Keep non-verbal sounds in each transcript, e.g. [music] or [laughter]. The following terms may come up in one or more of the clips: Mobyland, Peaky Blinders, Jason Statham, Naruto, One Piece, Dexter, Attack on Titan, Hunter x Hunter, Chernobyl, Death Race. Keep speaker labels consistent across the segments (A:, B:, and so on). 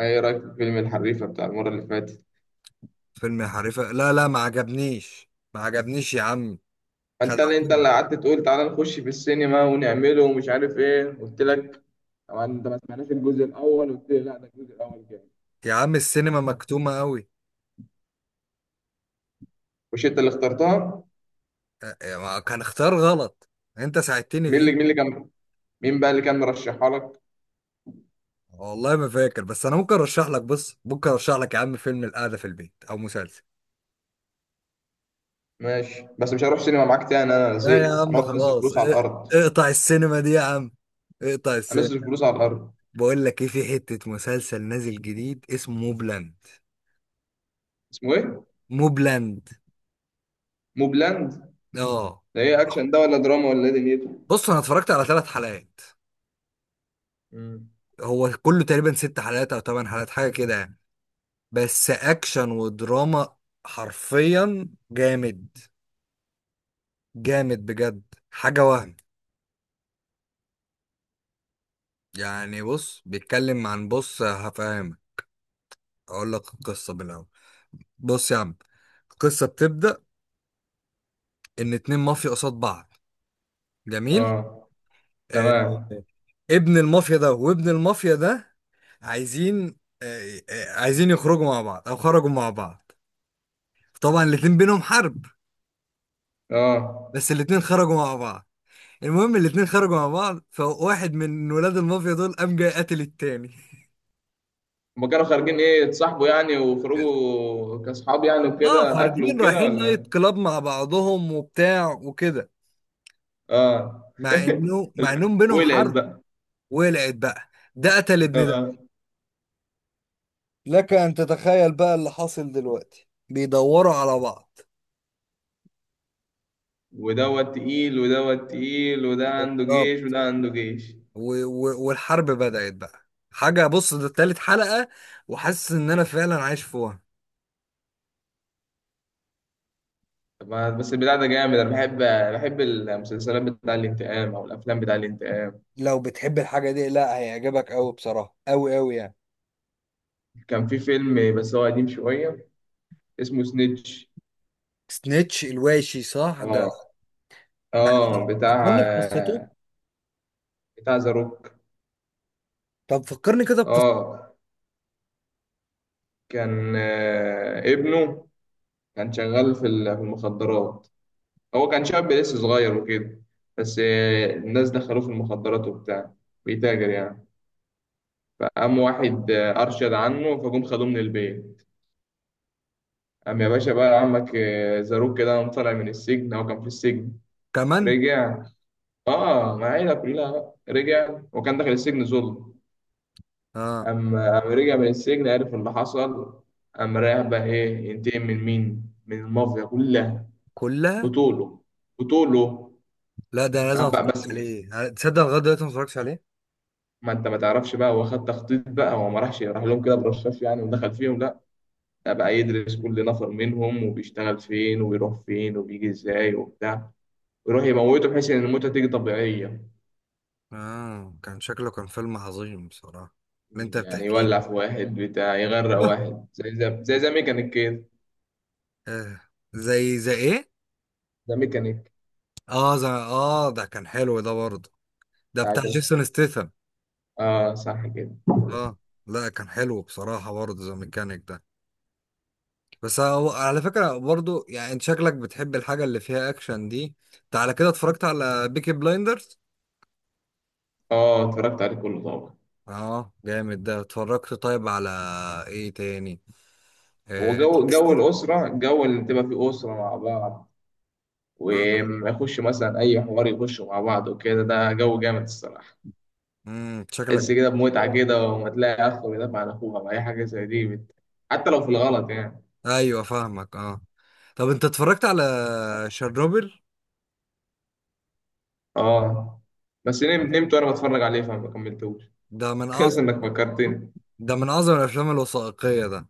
A: ايه رايك في فيلم الحريفه بتاع المره اللي فاتت؟
B: فيلم حريفة، لا لا ما عجبنيش ما عجبنيش يا عم.
A: انت اللي انت
B: خدعتني.
A: اللي قعدت تقول تعالى نخش في السينما ونعمله ومش عارف ايه، قلت لك. طبعا انت ما سمعناش الجزء الاول، قلت لي لا ده الجزء الاول جامد.
B: يا عم السينما مكتومة قوي.
A: مش انت اللي اخترتها؟
B: كان اختيار غلط. انت ساعدتني
A: مين اللي مين
B: فيه.
A: اللي كان. مين بقى اللي كان مرشحها لك؟
B: والله ما فاكر، بس انا ممكن ارشح لك، بص، ممكن ارشح لك يا عم فيلم القعدة في البيت او مسلسل.
A: ماشي، بس مش هروح سينما معاك تاني، انا
B: لا يا
A: زهقت.
B: عم
A: هنقعد نصرف
B: خلاص.
A: فلوس على الارض.
B: اقطع السينما دي يا عم. اقطع
A: هنصرف
B: السينما.
A: فلوس على الارض.
B: بقول لك ايه، في حتة مسلسل نازل جديد اسمه موبلاند.
A: اسمه ايه؟
B: موبلاند،
A: موبلاند.
B: اه.
A: ده ايه، اكشن ده ولا دراما ولا ايه دنيته؟
B: بص انا اتفرجت على ثلاث حلقات.
A: مم.
B: هو كله تقريبا ست حلقات او ثمان حلقات، حاجه كده يعني. بس اكشن ودراما. حرفيا جامد. جامد بجد. حاجة وهم. يعني بص بيتكلم عن، بص هفهمك. اقول لك القصة من الاول. بص يا عم، القصة بتبدأ ان اتنين مافيا قصاد بعض. جميل.
A: اه،
B: آه.
A: تمام،
B: ابن المافيا ده وابن المافيا ده عايزين، عايزين يخرجوا مع بعض او خرجوا مع بعض. طبعا الاتنين بينهم حرب.
A: اه.
B: بس الاتنين خرجوا مع بعض. المهم الاتنين خرجوا مع بعض، فواحد من ولاد المافيا دول قام جاي قاتل التاني. [laughs]
A: هما كانوا خارجين ايه، يتصاحبوا يعني وخرجوا كاصحاب يعني
B: اه،
A: وكده اكل
B: خارجين
A: وكده
B: رايحين
A: ولا
B: نايت
A: إيه؟
B: كلاب مع بعضهم وبتاع وكده.
A: اه
B: مع
A: [laughs]
B: انه مع انهم بينهم
A: ولعت
B: حرب.
A: بقى.
B: ولعت بقى. ده قتل ابن ده.
A: اه.
B: لك ان تتخيل بقى اللي حاصل دلوقتي، بيدوروا على بعض.
A: ودوت تقيل، ودوت تقيل، وده عنده جيش
B: بالظبط.
A: وده عنده جيش.
B: والحرب بدأت بقى. حاجة، بص ده تالت حلقة. وحاسس ان انا فعلا عايش في وهم.
A: طب بس البتاع ده جامد. انا بحب المسلسلات بتاع الانتقام او الافلام بتاع الانتقام.
B: لو بتحب الحاجة دي، لا هيعجبك قوي بصراحة، قوي قوي يعني.
A: كان في فيلم بس هو قديم شويه، اسمه سنيتش.
B: سنيتش الواشي، صح ده.
A: اه.
B: بحكي
A: اه، بتاع
B: فكرني بقصته.
A: بتاع ذا روك.
B: طب فكرني كده بقصته.
A: اه. كان ابنه كان شغال في في المخدرات. هو كان شاب لسه صغير وكده، بس الناس دخلوه في المخدرات وبتاع، بيتاجر يعني. فقام واحد أرشد عنه، فجم خدوه من البيت. قام يا باشا بقى عمك زاروك، كده قام طالع من السجن، هو كان في السجن.
B: كمان.
A: رجع. اه، مع عيلة كلها بقى. رجع وكان داخل السجن ظلم.
B: اه.
A: قام رجع من السجن، عرف اللي حصل. قام رايح بقى ايه، ينتقم من مين؟ من المافيا كلها.
B: كلها.
A: بطوله بطوله.
B: لا، ده أنا لازم
A: راح بقى
B: اتفرج
A: بس
B: عليه، تصدق لغايه دلوقتي ما اتفرجتش عليه.
A: ما انت ما تعرفش بقى، هو خد تخطيط بقى، هو ما راحش راح لهم كده برشاش يعني ودخل فيهم، لا. ده بقى يدرس كل نفر منهم وبيشتغل فين وبيروح فين وبيجي ازاي وبتاع، ويروح يموته بحيث ان الموتة تيجي طبيعية.
B: اه كان شكله كان فيلم عظيم بصراحه. اللي انت
A: يعني
B: بتحكيه
A: يولع
B: ده.
A: في واحد، بتاع يغرق
B: آه.
A: واحد، زي، زي ميكانيك كده.
B: آه. زي ايه.
A: زي ميكانيك
B: اه زي، ده كان حلو ده برضه. ده
A: بتاع
B: بتاع
A: جاز.
B: جيسون ستيثم.
A: اه، صح كده.
B: اه. لا كان حلو بصراحه برضه، زي ميكانيك ده. بس هو على فكرة برضو، يعني انت شكلك بتحب الحاجة اللي فيها اكشن دي. انت على كده اتفرجت على بيكي بلايندرز.
A: اه، اتفرجت عليه كله طبعا.
B: اه جامد ده. اتفرجت طيب على ايه تاني؟
A: هو
B: آه،
A: جو
B: ديكستر.
A: الأسرة، جو اللي تبقى فيه أسرة مع بعض،
B: اه،
A: وما يخش مثلا أي حوار، يخشوا مع بعض وكده، ده جو جامد الصراحة.
B: امم، شكلك.
A: تحس كده بمتعة كده، وما تلاقي أخ بيدافع عن أخوها بأي حاجة زي دي حتى لو في الغلط يعني.
B: ايوه فاهمك، اه. طب انت اتفرجت على شيرنوبل؟
A: آه. بس نمت وأنا بتفرج عليه فما كملتوش.
B: ده من
A: [laughs] كويس
B: اعظم.
A: إنك فكرتني.
B: ده من اعظم الافلام الوثائقية ده.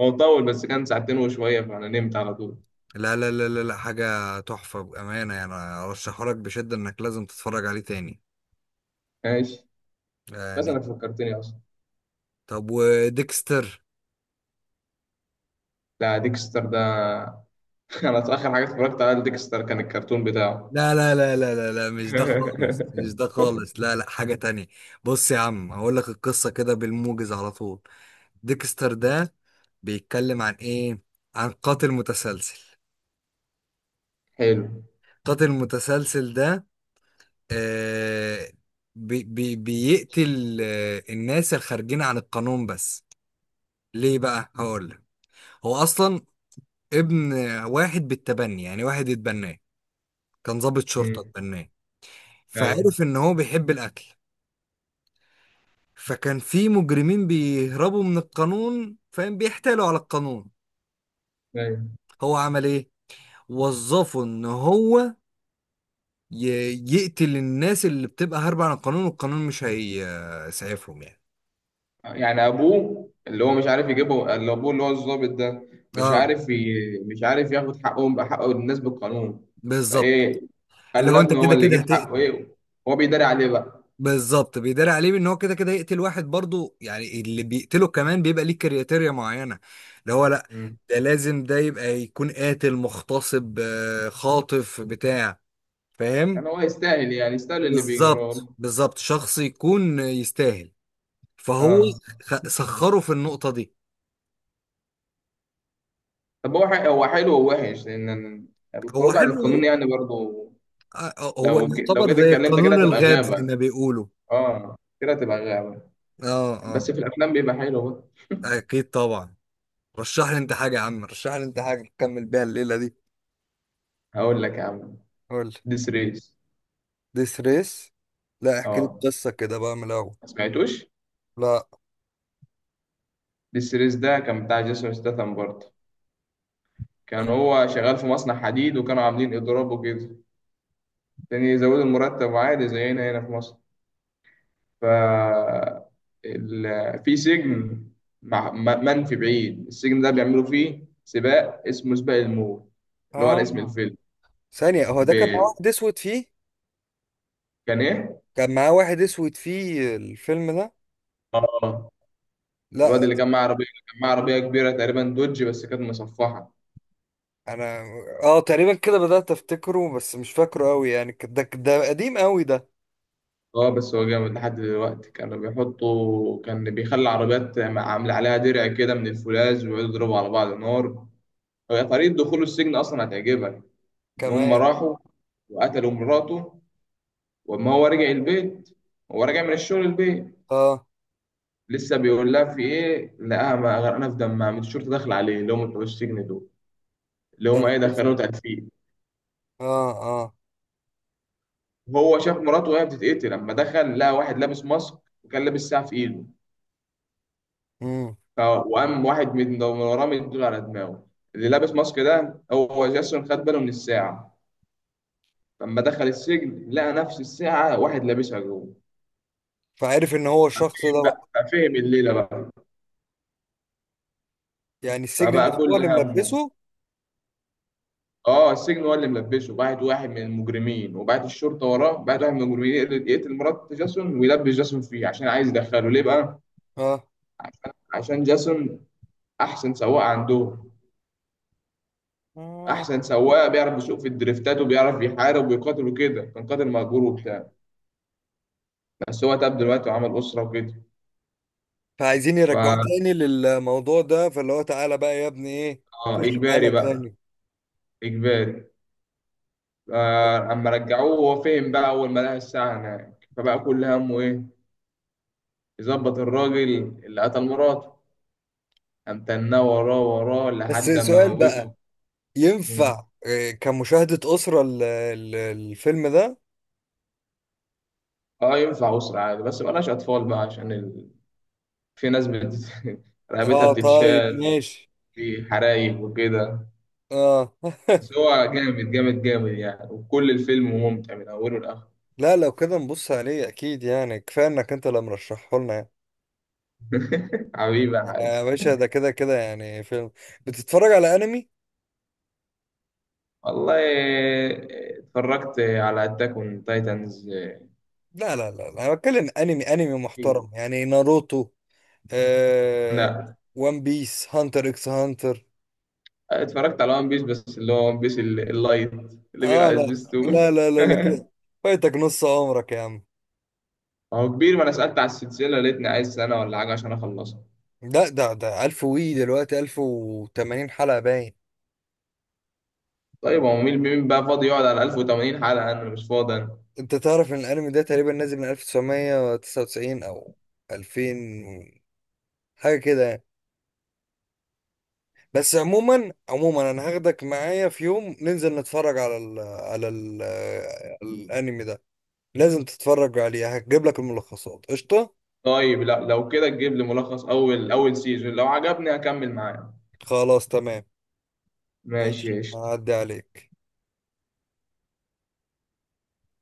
A: هو طول، بس كان ساعتين وشوية فأنا نمت على طول.
B: لا لا لا لا، لا حاجة تحفة بأمانة يعني. ارشحه لك بشدة، انك لازم تتفرج عليه تاني
A: ماشي. بس
B: يعني.
A: إنك فكرتني أصلا.
B: طب وديكستر؟
A: لا، ديكستر ده، [laughs] أنا آخر حاجة اتفرجت على ديكستر كان الكرتون بتاعه.
B: لا لا لا لا لا لا، مش ده خالص، مش
A: [laughs]
B: ده خالص، لا لا حاجة تانية. بص يا عم، هقول لك القصة كده بالموجز على طول. ديكستر ده بيتكلم عن ايه؟ عن قاتل متسلسل.
A: حلو.
B: قاتل متسلسل ده، آه، بي بي بيقتل الناس الخارجين عن القانون بس. ليه بقى؟ هقول لك. هو اصلا ابن واحد بالتبني، يعني واحد اتبناه. كان ضابط شرطة
A: مم.
B: اتبناه.
A: أيوه.
B: فعرف ان هو بيحب الاكل. فكان في مجرمين بيهربوا من القانون، فاهم، بيحتالوا على القانون.
A: أيوه،
B: هو عمل ايه؟ وظفه ان هو يقتل الناس اللي بتبقى هاربة عن القانون، والقانون مش هيسعفهم يعني.
A: يعني ابوه، اللي هو مش عارف يجيبه، اللي ابوه اللي هو الضابط ده مش
B: اه.
A: عارف مش عارف ياخد حقهم بحق الناس بالقانون،
B: بالظبط.
A: فايه،
B: اللي
A: خلى
B: هو انت
A: ابنه هو
B: كده
A: اللي
B: كده
A: يجيب حقه،
B: هتقتل.
A: ايه. هو بيداري عليه بقى.
B: بالظبط، بيداري عليه ان هو كده كده يقتل واحد برضو، يعني اللي بيقتله كمان بيبقى ليه كرياتيريا معينة. اللي هو لا،
A: مم.
B: ده لازم ده يبقى يكون قاتل مغتصب، خاطف بتاع. فاهم.
A: يعني هو يستاهل، يعني يستاهل اللي بيجرى
B: بالظبط
A: له.
B: بالظبط، شخص يكون يستاهل. فهو
A: اه.
B: سخره في النقطة دي.
A: طب هو هو حلو ووحش، لان
B: هو
A: الخروج عن القانون
B: حلو.
A: يعني برضه.
B: هو
A: لو لو
B: يعتبر
A: جيت
B: زي
A: اتكلمت كده
B: قانون
A: هتبقى
B: الغاب، زي
A: غابة.
B: ما بيقولوا.
A: اه، كده هتبقى غابة.
B: اه اه.
A: بس في الافلام بيبقى حلو بقى.
B: اكيد طبعا. رشح لي انت حاجة يا عم، رشح لي انت حاجة نكمل بيها الليلة دي.
A: هقول لك يا عم،
B: قول لي.
A: ديس ريس.
B: ديس ريس. لا احكي لي
A: اه،
B: القصة كده بقى من الأول.
A: ما سمعتوش؟
B: لا،
A: السيريز ده كان بتاع جيسون ستاثام برضه. كان هو شغال في مصنع حديد، وكانوا عاملين اضراب وكده عشان يزودوا المرتب، عادي زينا هنا في مصر. ف ال... في سجن منفي بعيد، السجن ده بيعملوا فيه سباق اسمه سباق الموت، اللي هو على اسم
B: اه
A: الفيلم.
B: ثانية، هو ده
A: ب...
B: كان معاه واحد اسود فيه.
A: كان ايه؟
B: كان معاه واحد اسود فيه الفيلم ده.
A: اه،
B: لا.
A: الواد اللي كان معاه عربيه كبيره تقريبا دوج بس كانت مصفحه.
B: انا اه تقريبا كده بدأت افتكره، بس مش فاكره قوي يعني. ده قديم قوي ده.
A: اه، بس هو جامد لحد دلوقتي. كانوا بيحطوا، كان بيخلي عربيات عامل عليها درع كده من الفولاذ، ويقعدوا يضربوا على بعض نار. هي طريقة دخوله السجن أصلا هتعجبك. إن هم
B: كمان.
A: راحوا وقتلوا مراته، وأما هو رجع البيت، هو راجع من الشغل البيت
B: اه.
A: لسه بيقول لها في إيه، لقاها غرقانة في دمها، من الشرطة داخلة عليه اللي هم بتوع السجن دول، اللي
B: ده
A: هم إيه،
B: ملبس-
A: دخلوه تدفين.
B: اه اه.
A: هو شاف مراته وهي بتتقتل، لما دخل لقى واحد لابس ماسك وكان لابس ساعة في إيده.
B: امم.
A: اه، وقام واحد من ده من وراه مديله على دماغه. اللي لابس ماسك ده هو، جاسون خد باله من الساعة. لما دخل السجن لقى نفس الساعة واحد لابسها جوه.
B: فعارف ان هو الشخص ده
A: فهم
B: بقى.
A: بقى ففهم الليلة بقى،
B: يعني السجن
A: فبقى
B: نفسه هو
A: كل
B: اللي
A: همه.
B: ملبسه.
A: اه، السجن هو اللي ملبسه، بعت واحد من المجرمين وبعت الشرطة وراه، بعت واحد من المجرمين يقتل مرات جاسون ويلبس جاسون فيه. عشان عايز يدخله ليه بقى؟
B: اه.
A: عشان جاسون أحسن سواق عندهم.
B: آه.
A: أحسن سواق بيعرف يسوق في الدريفتات وبيعرف يحارب ويقاتل وكده، كان قاتل مأجور وبتاع. بس هو تاب دلوقتي وعمل أسرة وكده.
B: فعايزين يرجعوه
A: فا
B: تاني للموضوع ده، فاللي هو تعالى بقى يا ابني ايه. خش معانا
A: إجباري بقى،
B: تاني.
A: إجباري.
B: آه.
A: أما رجعوه هو فهم بقى أول ما لقى الساعة هناك، فبقى كل همه إيه، يظبط الراجل اللي قتل مراته. قام تناه وراه وراه
B: بس
A: لحد ما
B: سؤال
A: موته.
B: بقى.
A: مم.
B: ينفع كمشاهدة أسرة الفيلم ده؟
A: اه، ينفع أسرة عادي بس مبقاش أطفال بقى عشان [laughs] في ناس [laughs] رقبتها
B: اه طيب
A: بتتشال،
B: ماشي.
A: في حرايق وكده.
B: اه.
A: بس هو جامد جامد جامد يعني، وكل الفيلم ممتع من أوله لآخره.
B: لا لو كده نبص عليه اكيد يعني، كفايه انك انت اللي مرشحه لنا يعني.
A: [laughs] حبيبي يا حاج.
B: يا باشا ده كده كده يعني فيلم. بتتفرج على انمي؟
A: والله، اتفرجت على اتاك اون تايتنز.
B: لا لا لا لا، انا بتكلم انمي انمي
A: ايوه.
B: محترم يعني، ناروتو. آه...
A: لا.
B: وان بيس، هانتر اكس هانتر.
A: اتفرجت على ون بيس، بس اللي هو ون بيس اللايت اللي بيبقى
B: اه
A: على
B: لا لا
A: سبيستون.
B: لا لا، لا كده.
A: [laughs]
B: فايتك نص عمرك يا عم.
A: هو كبير، ما انا سالت على السلسله لقيتني عايز سنه ولا حاجه عشان اخلصها.
B: ده 1000 وي دلوقتي 1080 حلقه باين.
A: طيب، هو مين بقى فاضي يقعد على 1080 حلقه؟ انا مش فاضي أنا.
B: انت تعرف ان الانمي ده تقريبا نازل من 1999 او 2000، حاجه كده يعني. بس عموما عموما، انا هاخدك معايا في يوم ننزل نتفرج على ال على ال الانمي ده. لازم تتفرج عليه. هجيب لك الملخصات قشطة.
A: طيب لا، لو كده تجيب لي ملخص اول سيزون، لو عجبني هكمل معاه.
B: خلاص تمام.
A: ماشي
B: ماشي
A: يا قشطة.
B: هعدي عليك.